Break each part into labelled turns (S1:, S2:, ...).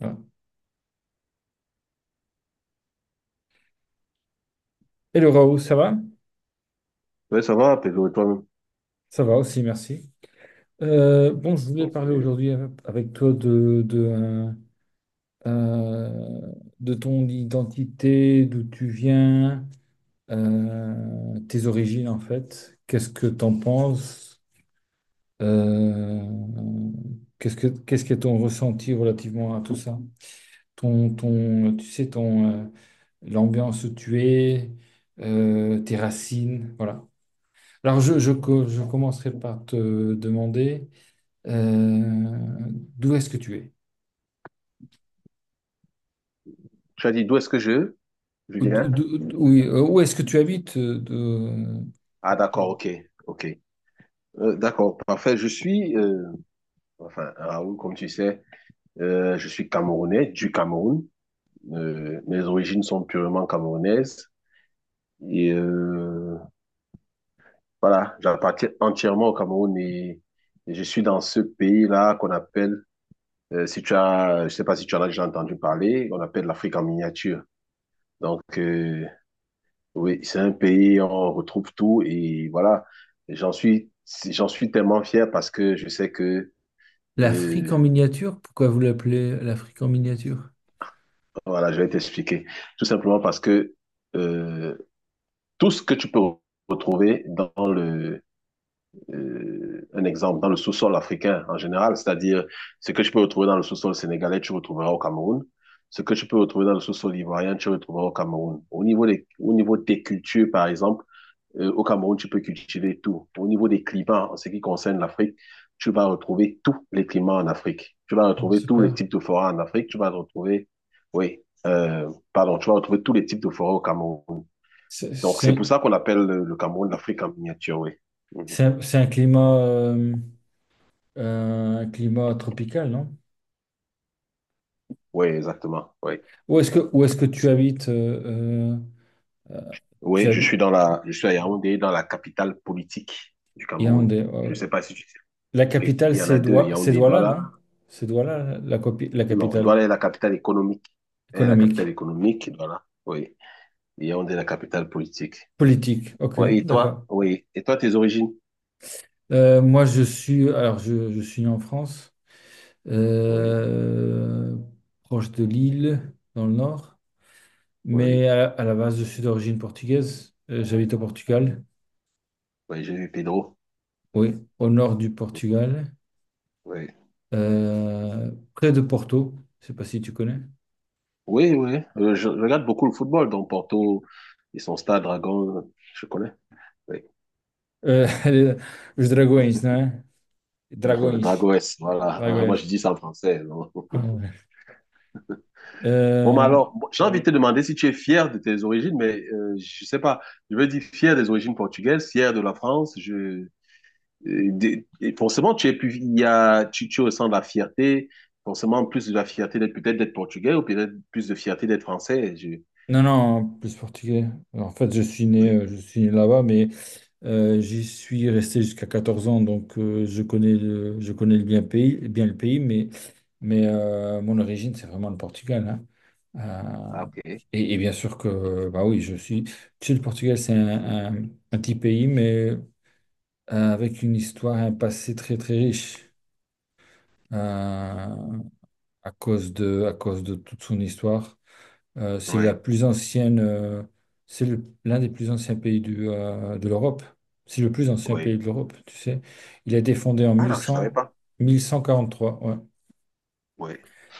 S1: Voilà. Hello Raoult, ça va?
S2: Oui, ça va, Pedro, et toi-même?
S1: Ça va aussi, merci. Bon, je voulais parler
S2: Ok.
S1: aujourd'hui avec toi de, euh, de ton identité, d'où tu viens, tes origines en fait. Qu'est-ce que t'en penses? Euh, qu'est-ce que ton ressenti relativement à tout ça? Tu sais, l'ambiance où tu es, tes racines, voilà. Alors, je commencerai par te demander euh, d'où est-ce que tu es?
S2: Tu as dit d'où est-ce que je
S1: Ou d-
S2: viens?
S1: d'où- d'où- Oui, où est-ce que tu habites?
S2: Ah, d'accord, ok, ok. D'accord, parfait. Je suis, enfin, Raoul, comme tu sais, je suis Camerounais, du Cameroun. Mes origines sont purement camerounaises. Et voilà, j'appartiens entièrement au Cameroun et je suis dans ce pays-là qu'on appelle, si tu as, je sais pas si tu en as déjà entendu parler, on appelle l'Afrique en miniature. Donc, oui, c'est un pays, on retrouve tout et voilà, j'en suis, j'en suis tellement fier parce que je sais que,
S1: L'Afrique
S2: euh,
S1: en miniature? Pourquoi vous l'appelez l'Afrique en miniature?
S2: voilà, je vais t'expliquer. Tout simplement parce que euh, tout ce que tu peux retrouver un exemple, dans le sous-sol africain en général, c'est-à-dire ce que tu peux retrouver dans le sous-sol sénégalais, tu retrouveras au Cameroun. Ce que tu peux retrouver dans le sous-sol ivoirien, tu retrouveras au Cameroun. Au niveau des cultures, par exemple, au Cameroun, tu peux cultiver tout. Au niveau des climats, en ce qui concerne l'Afrique, tu vas retrouver tous les climats en Afrique. Tu vas
S1: Ah,
S2: retrouver tous les
S1: super.
S2: types de forêts en Afrique. Oui, pardon, tu vas retrouver tous les types de forêts au Cameroun.
S1: C'est
S2: Donc, c'est
S1: c'est-
S2: pour ça qu'on appelle le Cameroun l'Afrique en miniature, oui. Mhm.
S1: c'est un climat tropical, non?
S2: Oui, exactement. Oui.
S1: Où est-ce que tu habites? Euh, euh, Tu
S2: Oui,
S1: habites
S2: je suis à Yaoundé, dans la capitale politique du Cameroun.
S1: Yaoundé, ouais,
S2: Je
S1: ouais.
S2: sais pas si tu sais.
S1: La
S2: Oui,
S1: capitale,
S2: il y en a deux,
S1: C'est
S2: Yaoundé et
S1: Douala,
S2: Douala.
S1: non? C'est Douala, la
S2: Non,
S1: capitale.
S2: Douala est la capitale économique. Elle est la capitale
S1: Économique,
S2: économique, Douala. Oui. Yaoundé, est la capitale politique.
S1: politique, ok,
S2: Ouais, et toi?
S1: d'accord.
S2: Oui. Et toi, tes origines?
S1: Moi, je suis né en France,
S2: Oui,
S1: euh, proche de Lille, dans le nord,
S2: oui.
S1: mais à la base, je suis d'origine portugaise. J'habite au Portugal,
S2: Oui, j'ai vu Pedro.
S1: oui, au nord du Portugal,
S2: Oui.
S1: près de Porto. Je sais pas si tu connais.
S2: Oui, oui. Je regarde beaucoup le football, donc Porto et son stade Dragon, je connais. Oui.
S1: Euh, os Dragões, non? Dragões,
S2: Dragos, voilà. Moi,
S1: Dragões.
S2: je dis ça en français. Non.
S1: Ah ouais.
S2: Bon, mais
S1: Euh,
S2: alors, bon, j'ai envie de te demander si tu es fier de tes origines, mais je sais pas. Je veux dire fier des origines portugaises, fier de la France. Je et forcément, tu es plus, il y a, tu ressens de la fierté, forcément plus de la fierté d'être peut-être d'être portugais ou peut-être plus de fierté d'être français. Je,
S1: non, non, plus portugais. En fait,
S2: oui.
S1: je suis né là-bas, mais j'y suis resté jusqu'à 14 ans, donc je connais le bien pays, bien le pays, mais mon origine, c'est vraiment le Portugal, hein.
S2: Ah,
S1: Euh,
S2: ok.
S1: et bien sûr que, bah oui, je suis. Tu sais, le Portugal, un petit pays, mais avec une histoire, un passé très très riche, euh, à cause de toute son histoire. Euh, c'est la
S2: Oui,
S1: plus ancienne, euh, c'est l'un des plus anciens pays de l'Europe. C'est le plus ancien
S2: oui.
S1: pays de l'Europe, tu sais. Il a été fondé en
S2: Ah non, je savais
S1: 1100,
S2: pas.
S1: 1143, ouais.
S2: Oui,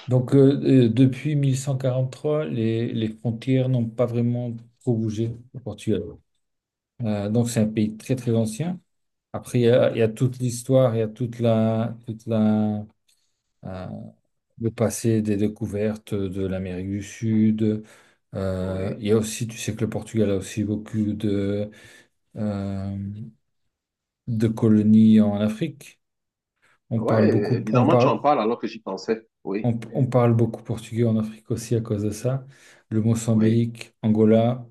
S1: Donc, depuis 1143, les frontières n'ont pas vraiment trop bougé au Portugal. Donc, c'est un pays très, très ancien. Après, il y a toute l'histoire, il y a euh, de passer des découvertes de l'Amérique du Sud.
S2: oui.
S1: Il y a aussi, tu sais que le Portugal a aussi beaucoup euh, de colonies en Afrique. On parle
S2: Ouais,
S1: beaucoup, on
S2: bizarrement, tu en
S1: parle,
S2: parles alors que j'y pensais. Oui,
S1: on parle beaucoup portugais en Afrique aussi à cause de ça. Le
S2: oui.
S1: Mozambique, Angola.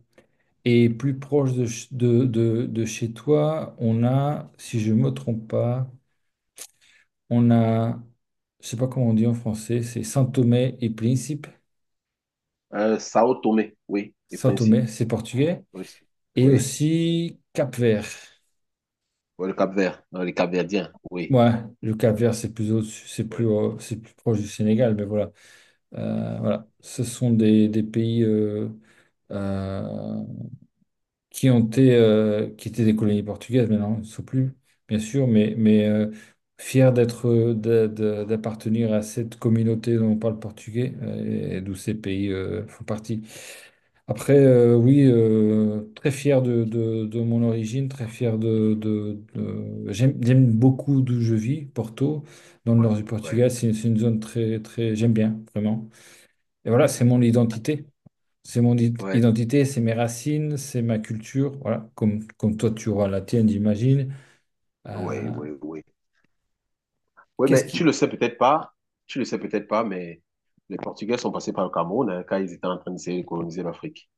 S1: Et plus proche de, ch- de chez toi, on a, si je ne me trompe pas, on a, je sais pas comment on dit en français, c'est Saint-Thomé et Principe.
S2: Sao Tomé, oui, les
S1: Saint-Thomé,
S2: principes.
S1: c'est portugais.
S2: Oui, c'est-
S1: Et
S2: oui.
S1: aussi Cap-Vert.
S2: Ouais, le Cap-Vert, non les Cap-Verdiens. Oui,
S1: Ouais, le Cap-Vert,
S2: oui,
S1: c'est plus proche du Sénégal, mais voilà. Voilà. Ce sont des pays euh, qui ont été, qui étaient des colonies portugaises, mais non, ils ne sont plus, bien sûr, mais fiers d'être, d'appartenir à cette communauté dont on parle portugais, et d'où ces pays font partie. Après, oui, très fier de mon origine, très fier J'aime, j'aime beaucoup d'où je vis, Porto, dans le
S2: oui,
S1: nord du
S2: oui, oui,
S1: Portugal. C'est une zone très, très... J'aime bien, vraiment. Et voilà, c'est mon identité.
S2: ouais,
S1: Identité, c'est mes racines, c'est ma culture. Voilà, comme toi, tu auras la tienne, j'imagine. Euh,
S2: ouais, ouais. Oui, oui, oui. Oui,
S1: Qu'est-ce
S2: mais tu
S1: qui...
S2: le sais peut-être pas, tu le sais peut-être pas, mais les Portugais sont passés par le Cameroun hein, quand ils étaient en train d'essayer de coloniser l'Afrique.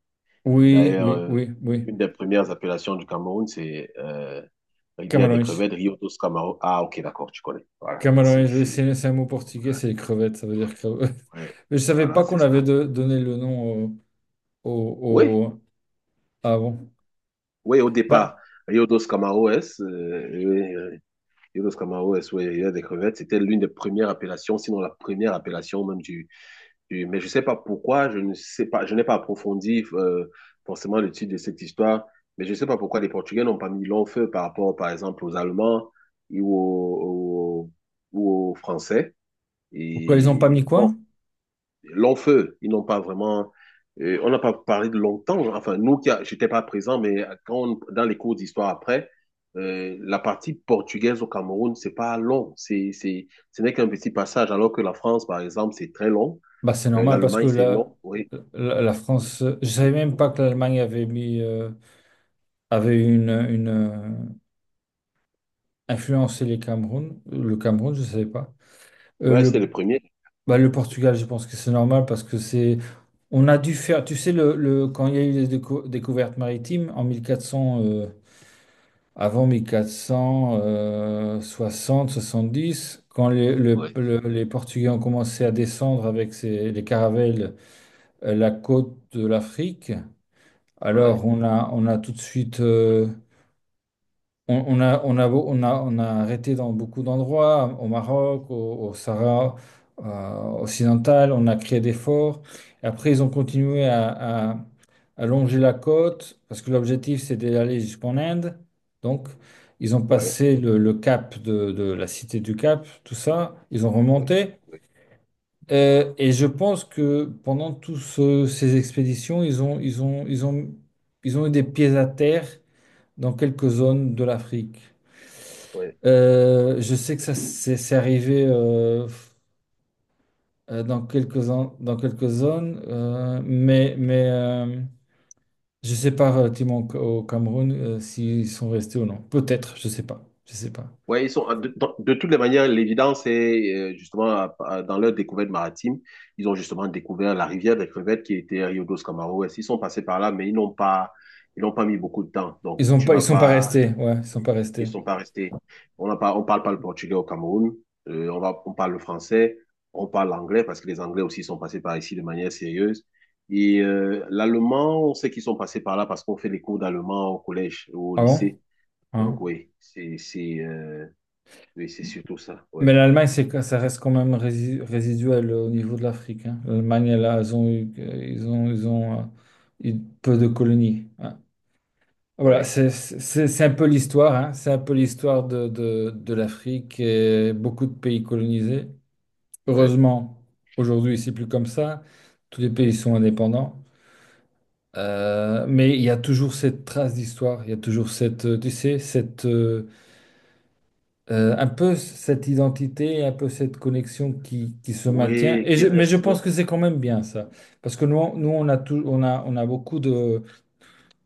S1: Oui,
S2: D'ailleurs,
S1: oui, oui, oui.
S2: une des premières appellations du Cameroun, c'est Rivière des
S1: Camarões.
S2: crevettes, Rio dos Camaro. Ah, ok, d'accord, tu connais. Voilà, si.
S1: Camarões, oui, c'est un mot portugais,
S2: Voilà,
S1: c'est les crevettes, ça veut dire crevettes.
S2: ouais,
S1: Mais je savais
S2: voilà,
S1: pas
S2: c'est
S1: qu'on avait
S2: ça.
S1: donné le nom,
S2: Oui,
S1: au, au- ah bon.
S2: oui, au départ,
S1: Bah,
S2: Rio dos Camaroes, Rio dos Camaroes, oui, Rivière des crevettes, c'était l'une des premières appellations, sinon la première appellation même du, Et- mais je ne sais pas pourquoi, je ne sais pas, je n'ai pas approfondi forcément le titre de cette histoire, mais je ne sais pas pourquoi les Portugais n'ont pas mis long feu par rapport, par exemple, aux Allemands ou ou aux Français.
S1: pourquoi ils n'ont pas
S2: Et
S1: mis
S2: bon,
S1: quoi?
S2: long feu, ils n'ont pas vraiment. On n'a pas parlé de longtemps. Enfin, nous, qui a- j'étais pas présent, mais quand on- dans les cours d'histoire après, la partie portugaise au Cameroun, c'est pas long. Ce n'est qu'un petit passage, alors que la France, par exemple, c'est très long.
S1: Bah, c'est normal parce que
S2: L'Allemagne, c'est long, oui.
S1: la France. Je savais même pas que l'Allemagne avait mis avait une influencé les Cameroun. Le Cameroun, je savais pas. Euh,
S2: Ouais, c'est
S1: le,
S2: le premier.
S1: Bah, le Portugal, je pense que c'est normal parce que c'est. On a dû faire. Tu sais, quand il y a eu les découvertes maritimes en 1400. Avant 1460, 70, quand
S2: Ouais,
S1: les Portugais ont commencé à descendre avec les caravelles la côte de l'Afrique,
S2: ouais,
S1: alors on a tout de suite, on a, on a arrêté dans beaucoup d'endroits, au Maroc, au Sahara occidental, on a créé des forts. Après, ils ont continué à allonger la côte, parce que l'objectif, c'est d'aller jusqu'en Inde. Donc, ils ont
S2: ouais,
S1: passé le cap de la cité du Cap, tout ça, ils ont
S2: ouais,
S1: remonté.
S2: ouais.
S1: Et je pense que pendant toutes ces expéditions, ils ont eu des pieds à terre dans quelques zones de l'Afrique.
S2: Ouais,
S1: Je sais que ça c'est arrivé dans quelques, dans quelques zones, mais je sais pas relativement au au Cameroun s'ils sont restés ou non. Peut-être, je sais pas. Je sais pas.
S2: ouais, ils sont, de, dans- de toutes les manières, l'évidence est justement à- dans leur découverte maritime, ils ont justement découvert la rivière des crevettes qui était Rio dos Camaroes. Ils sont passés par là, mais ils n'ont pas mis beaucoup de temps. Donc,
S1: Ils ont
S2: tu
S1: pas, ils
S2: vas
S1: sont pas
S2: pas,
S1: restés. Ouais, ils sont
S2: oui.
S1: pas restés.
S2: Ils sont pas restés. On n'a pas, on parle pas le portugais au Cameroun. On parle le français. On parle l'anglais parce que les Anglais aussi sont passés par ici de manière sérieuse. Et l'allemand, on sait qu'ils sont passés par là parce qu'on fait des cours d'allemand au collège ou au
S1: Ah bon?
S2: lycée.
S1: Hein?
S2: Donc oui, oui, c'est surtout ça. Oui,
S1: Mais l'Allemagne, ça reste quand même résiduel au niveau de l'Afrique, hein. L'Allemagne, là, ils ont eu peu de colonies, hein. Voilà,
S2: oui,
S1: c'est un peu l'histoire, hein. C'est un peu l'histoire de l'Afrique et beaucoup de pays colonisés.
S2: oui.
S1: Heureusement, aujourd'hui, c'est plus comme ça. Tous les pays sont indépendants. Mais il y a toujours cette trace d'histoire, il y a toujours tu sais, un peu cette identité, un peu cette connexion qui se maintient.
S2: Oui,
S1: Et
S2: qui
S1: mais je
S2: reste, oui.
S1: pense que c'est quand même bien ça, parce que nous on a tout, on a beaucoup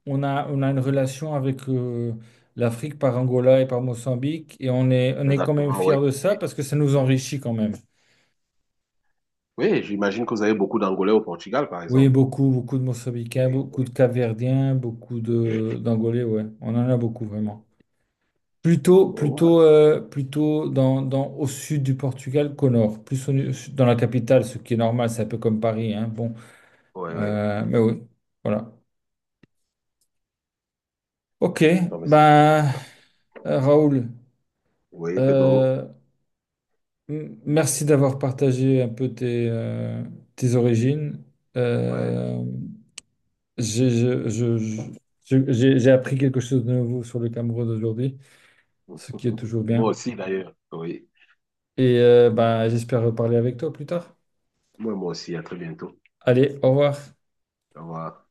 S1: on a une relation avec l'Afrique par Angola et par Mozambique, et on est quand même
S2: Exactement, oui,
S1: fiers de ça
S2: oui.
S1: parce que ça nous enrichit quand même.
S2: Oui, j'imagine que vous avez beaucoup d'Angolais au Portugal, par
S1: Oui,
S2: exemple.
S1: beaucoup, beaucoup de Mozambicains,
S2: Oui,
S1: beaucoup
S2: oui,
S1: de Capverdiens, beaucoup
S2: oui.
S1: de d'Angolais, ouais, on en a beaucoup
S2: Oui,
S1: vraiment. Plutôt,
S2: oui.
S1: plutôt, euh, dans au sud du Portugal qu'au nord. Dans la capitale, ce qui est normal, c'est un peu comme Paris, hein. Bon,
S2: Ouais, ouais, ouais.
S1: Mais oui, voilà. Ok,
S2: Non, mais c'est
S1: ben, Raoul,
S2: Oui, Pedro.
S1: euh, merci d'avoir partagé un peu tes, tes origines.
S2: Ouais.
S1: Euh, j'ai je- j'ai- J'ai appris quelque chose de nouveau sur le Cameroun aujourd'hui, ce qui est toujours
S2: Moi
S1: bien.
S2: aussi, d'ailleurs. Oui.
S1: Et ben, j'espère reparler avec toi plus tard.
S2: Moi, moi aussi. À très bientôt.
S1: Allez, au revoir.
S2: Au revoir.